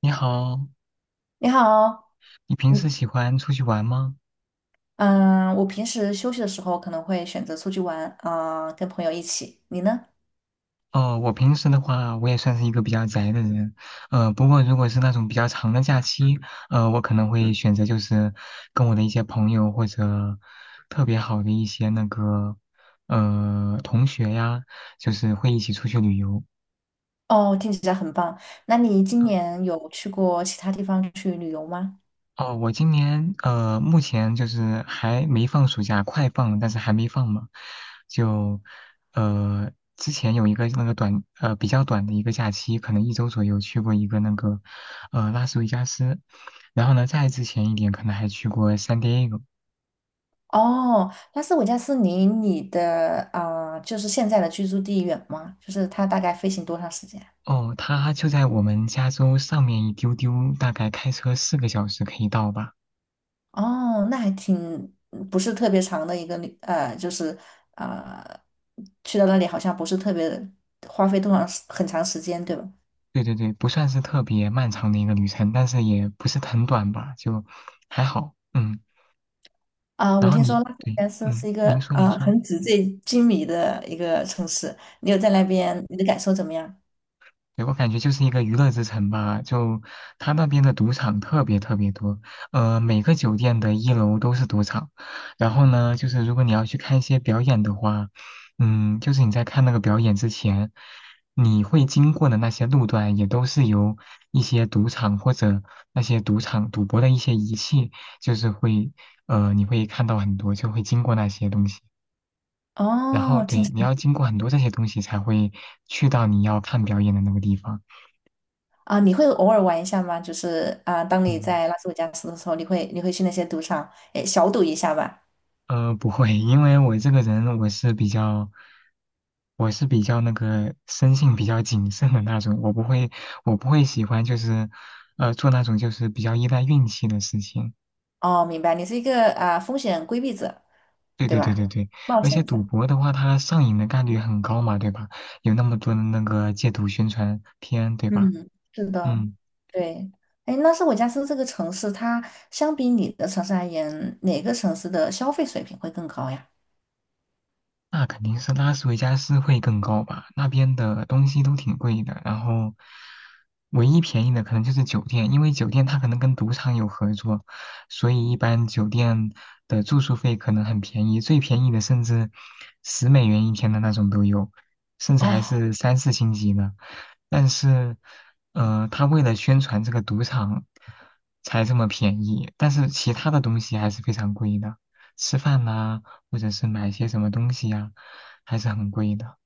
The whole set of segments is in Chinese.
你好，你好，你平时喜欢出去玩吗？嗯，我平时休息的时候可能会选择出去玩，跟朋友一起。你呢？哦，我平时的话，我也算是一个比较宅的人，不过如果是那种比较长的假期，我可能会选择就是跟我的一些朋友或者特别好的一些那个同学呀，就是会一起出去旅游。哦，听起来很棒。那你今年有去过其他地方去旅游吗？哦，我今年目前就是还没放暑假，快放，但是还没放嘛。就呃，之前有一个那个比较短的一个假期，可能一周左右去过一个那个拉斯维加斯，然后呢，再之前一点可能还去过 San Diego。哦，拉斯维加斯离你的就是现在的居住地远吗？就是它大概飞行多长时间？哦，它就在我们加州上面一丢丢，大概开车4个小时可以到吧。哦，那还挺嗯不是特别长的一个旅，呃，就是呃，去到那里好像不是特别花费多长时很长时间，对吧？对对对，不算是特别漫长的一个旅程，但是也不是很短吧，就还好。嗯。然我后听说你拉斯维对，加斯嗯，是一您个说您说，很纸醉金迷的一个城市，你有在那边，你的感受怎么样？对，我感觉就是一个娱乐之城吧，就他那边的赌场特别特别多，每个酒店的一楼都是赌场，然后呢，就是如果你要去看一些表演的话，嗯，就是你在看那个表演之前，你会经过的那些路段也都是由一些赌场或者那些赌场赌博的一些仪器，就是会，你会看到很多，就会经过那些东西。然后哦，听对，起你来 要经过很多这些东西才会去到你要看表演的那个地方。你会偶尔玩一下吗？就是，当你嗯，在拉斯维加斯的时候，你会去那些赌场，诶，小赌一下吧。不会，因为我是比较那个生性比较谨慎的那种，我不会喜欢就是，做那种就是比较依赖运气的事情。哦，明白，你是一个风险规避者，对对对对吧？对对，冒而且险赌者。博的话，它上瘾的概率很高嘛，对吧？有那么多的那个戒赌宣传片，对吧？嗯，是的，嗯。对。哎，拉斯维加斯这个城市，它相比你的城市而言，哪个城市的消费水平会更高呀？那肯定是拉斯维加斯会更高吧，那边的东西都挺贵的，然后唯一便宜的可能就是酒店，因为酒店它可能跟赌场有合作，所以一般酒店的住宿费可能很便宜，最便宜的甚至十美元一天的那种都有，甚至还哦，是三四星级的。但是，他为了宣传这个赌场才这么便宜，但是其他的东西还是非常贵的，吃饭呐、或者是买一些什么东西呀，还是很贵的。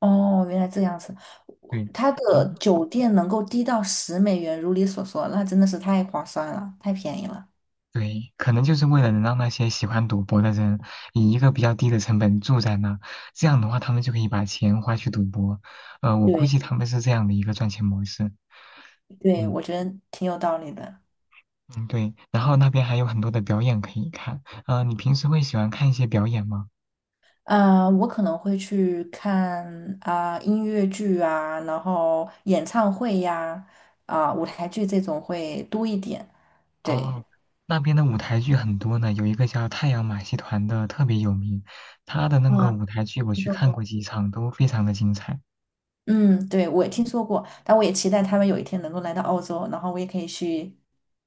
哦，原来这样子，我对，它然的后酒店能够低到10美元，如你所说，那真的是太划算了，太便宜了。对，可能就是为了能让那些喜欢赌博的人以一个比较低的成本住在那，这样的话他们就可以把钱花去赌博。我估对计他们是这样的一个赚钱模式。对，嗯我觉得挺有道理的。嗯，对。然后那边还有很多的表演可以看。你平时会喜欢看一些表演吗？我可能会去看音乐剧啊，然后演唱会呀、舞台剧这种会多一点。对，哦，那边的舞台剧很多呢，有一个叫太阳马戏团的特别有名，他的那个啊，舞台剧我听去说看过。过几场，都非常的精彩。嗯，对，我也听说过，但我也期待他们有一天能够来到澳洲，然后我也可以去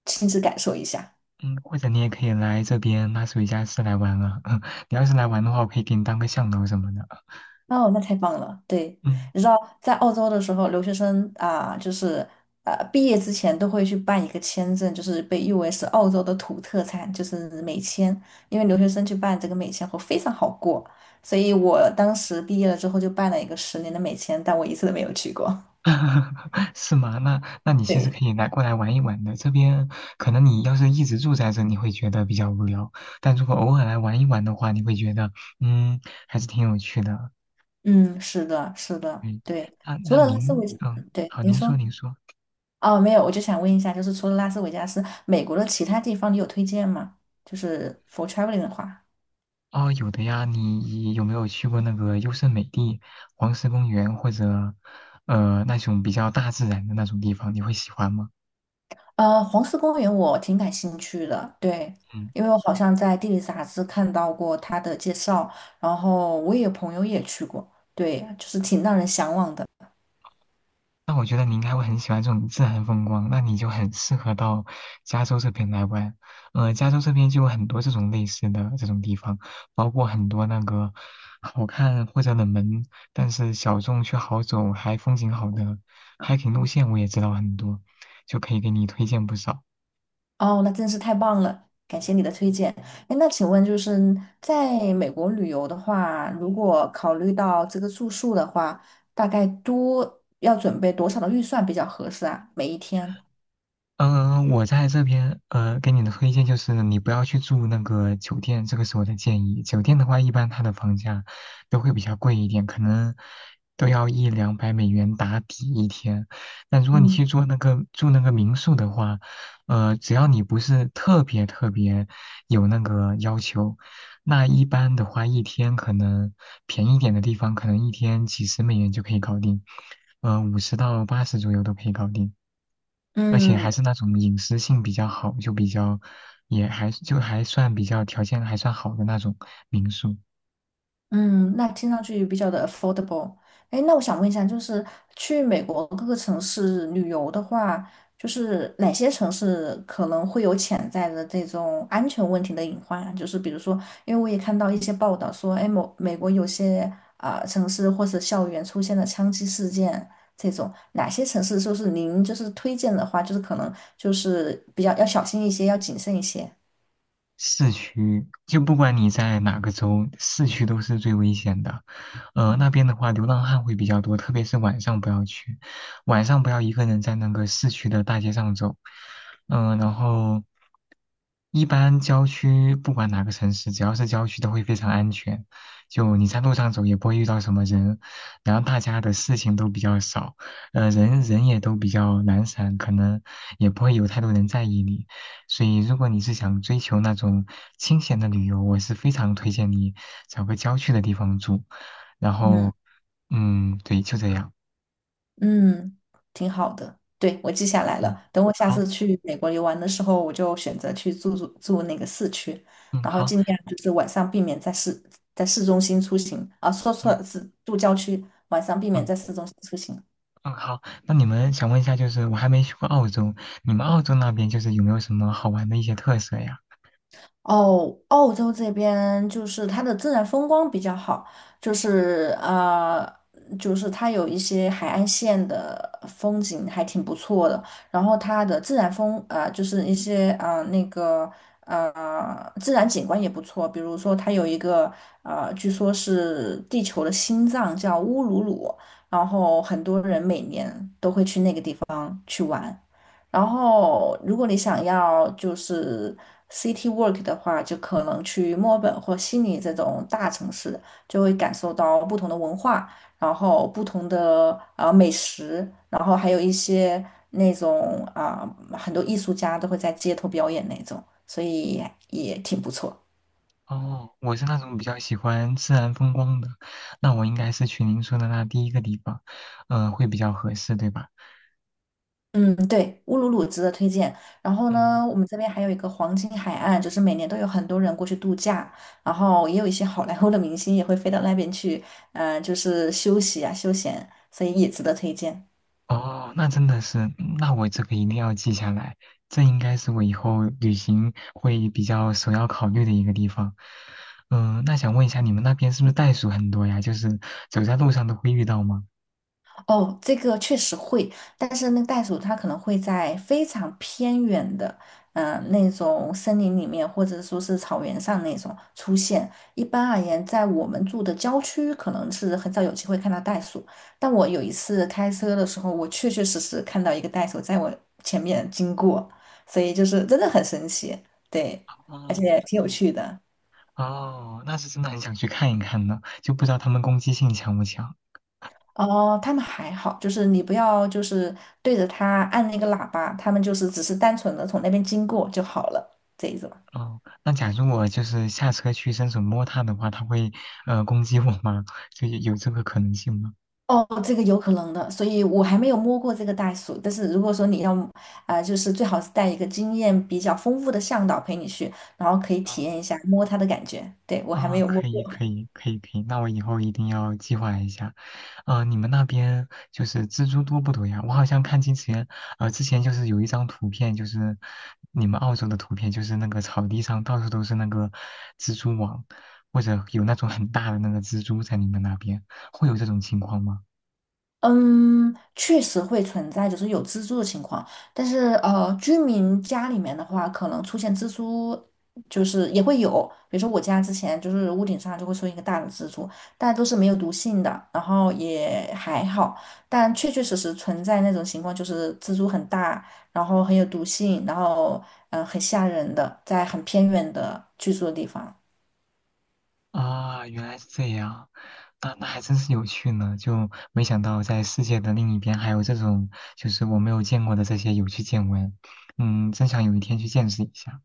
亲自感受一下。嗯，或者你也可以来这边拉斯维加斯来玩啊，你要是来玩的话，我可以给你当个向导什么的啊。哦，那太棒了！对，嗯，你知道在澳洲的时候，留学生啊，就是毕业之前都会去办一个签证，就是被誉为是澳洲的土特产，就是美签。因为留学生去办这个美签会非常好过，所以我当时毕业了之后就办了一个10年的美签，但我一次都没有去过。是吗？那你其实对，可以来过来玩一玩的。这边可能你要是一直住在这，你会觉得比较无聊，但如果偶尔来玩一玩的话，你会觉得嗯，还是挺有趣的。嗯，是的，是的，嗯，对。那除那了拉斯维，您，嗯，对，好，您您说说。您说，哦，没有，我就想问一下，就是除了拉斯维加斯，美国的其他地方你有推荐吗？就是 for traveling 的话。哦，有的呀，你有没有去过那个优胜美地、黄石公园或者那种比较大自然的那种地方？你会喜欢吗？黄石公园我挺感兴趣的，对，嗯。因为我好像在地理杂志看到过它的介绍，然后我也有朋友也去过，对，就是挺让人向往的。那我觉得你应该会很喜欢这种自然风光，那你就很适合到加州这边来玩。加州这边就有很多这种类似的这种地方，包括很多那个好看或者冷门，但是小众却好走还风景好的 hiking 路线，我也知道很多，就可以给你推荐不少。哦，那真是太棒了，感谢你的推荐。哎，那请问就是在美国旅游的话，如果考虑到这个住宿的话，大概多要准备多少的预算比较合适啊？每一天？嗯，我在这边给你的推荐就是你不要去住那个酒店，这个是我的建议。酒店的话，一般它的房价都会比较贵一点，可能都要100到200美元打底一天。但如果你嗯。去住那个民宿的话，只要你不是特别特别有那个要求，那一般的话，一天可能便宜一点的地方，可能一天几十美元就可以搞定，50到80左右都可以搞定。而且还嗯，是那种隐私性比较好，就比较也还就还算比较条件还算好的那种民宿。嗯，那听上去比较的 affordable。哎，那我想问一下，就是去美国各个城市旅游的话，就是哪些城市可能会有潜在的这种安全问题的隐患啊？就是比如说，因为我也看到一些报道说，哎，某美国有些城市或是校园出现了枪击事件这种，哪些城市就是您就是推荐的话，就是可能就是比较要小心一些，要谨慎一些。市区就不管你在哪个州，市区都是最危险的。那边的话，流浪汉会比较多，特别是晚上不要去，晚上不要一个人在那个市区的大街上走。嗯、然后一般郊区不管哪个城市，只要是郊区都会非常安全，就你在路上走也不会遇到什么人，然后大家的事情都比较少，人人也都比较懒散，可能也不会有太多人在意你。所以，如果你是想追求那种清闲的旅游，我是非常推荐你找个郊区的地方住。然嗯。后，嗯，对，就这样。嗯，挺好的。对，我记下来嗯，了。等我下好，次去美国游玩的时候，我就选择去住那个市区，嗯，然后好，尽量就是晚上避免在市中心出行啊，说错了，嗯是住郊区，晚上避免嗯在市中心出行。嗯，好。那你们想问一下，就是我还没去过澳洲，你们澳洲那边就是有没有什么好玩的一些特色呀？哦，澳洲这边就是它的自然风光比较好，就是呃，就是它有一些海岸线的风景还挺不错的，然后它的自然风呃，就是一些自然景观也不错，比如说它有一个据说是地球的心脏叫乌鲁鲁，然后很多人每年。然后，如果你想要就是 city work 的话，就可能去墨尔本或悉尼这种大城市，就会感受到不同的文化，然后不同的美食，然后还有一些那种很多艺术家都会在街头表演那种，所以也挺不错。哦，我是那种比较喜欢自然风光的，那我应该是去您说的那第一个地方，嗯、会比较合适，对吧？嗯，对，乌鲁鲁值得推荐。然后嗯。呢，我们这边还有一个黄金海岸，就是每年都有很多人过去度假，然后也有一些好莱坞的明星也会飞到那边去，就是休息啊，休闲，所以也值得推荐。哦，那真的是，嗯那我这个一定要记下来，这应该是我以后旅行会比较首要考虑的一个地方。嗯，那想问一下，你们那边是不是袋鼠很多呀？就是走在路上都会遇到吗？哦，这个确实会，但是那个袋鼠它可能会在非常偏远的，那种森林里面，或者说是草原上那种出现。一般而言，在我们住的郊区，可能是很少有机会看到袋鼠。但我有一次开车的时候，我确确实实看到一个袋鼠在我前面经过，所以就是真的很神奇，对，而哦且挺有趣的。哦，那是真的很想去看一看呢，就不知道它们攻击性强不强。哦，他们还好，就是你不要就是对着他按那个喇叭，他们就是只是单纯的从那边经过就好了，这意思吧？哦，那假如我就是下车去伸手摸它的话，它会攻击我吗？就有这个可能性吗？哦，这个有可能的，所以我还没有摸过这个袋鼠。但是如果说你要，就是最好是带一个经验比较丰富的向导陪你去，然后可以体哦验一下摸它的感觉。对，我还没啊，有摸可以，过。可以，可以，可以，那我以后一定要计划一下。你们那边就是蜘蛛多不多呀？我好像看之前，之前就是有一张图片，就是你们澳洲的图片，就是那个草地上到处都是那个蜘蛛网，或者有那种很大的那个蜘蛛在你们那边，会有这种情况吗？嗯，确实会存在，就是有蜘蛛的情况。但是居民家里面的话，可能出现蜘蛛，就是也会有。比如说我家之前就是屋顶上就会出现一个大的蜘蛛，但都是没有毒性的，然后也还好。但确确实实存在那种情况，就是蜘蛛很大，然后很有毒性，然后很吓人的，在很偏远的居住的地方。啊，原来是这样，那还真是有趣呢，就没想到在世界的另一边还有这种就是我没有见过的这些有趣见闻，嗯，真想有一天去见识一下。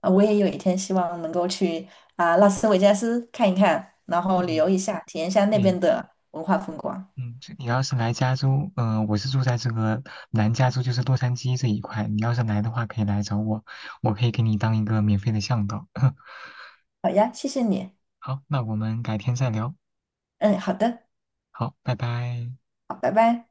我也有一天希望能够去拉斯维加斯看一看，然后旅游嗯，一下，体验一下那对，边的文化风光。嗯，就你要是来加州，嗯，我是住在这个南加州，就是洛杉矶这一块，你要是来的话可以来找我，我可以给你当一个免费的向导。好呀，谢谢你。好，那我们改天再聊，嗯，好的，好，拜拜。好，拜拜。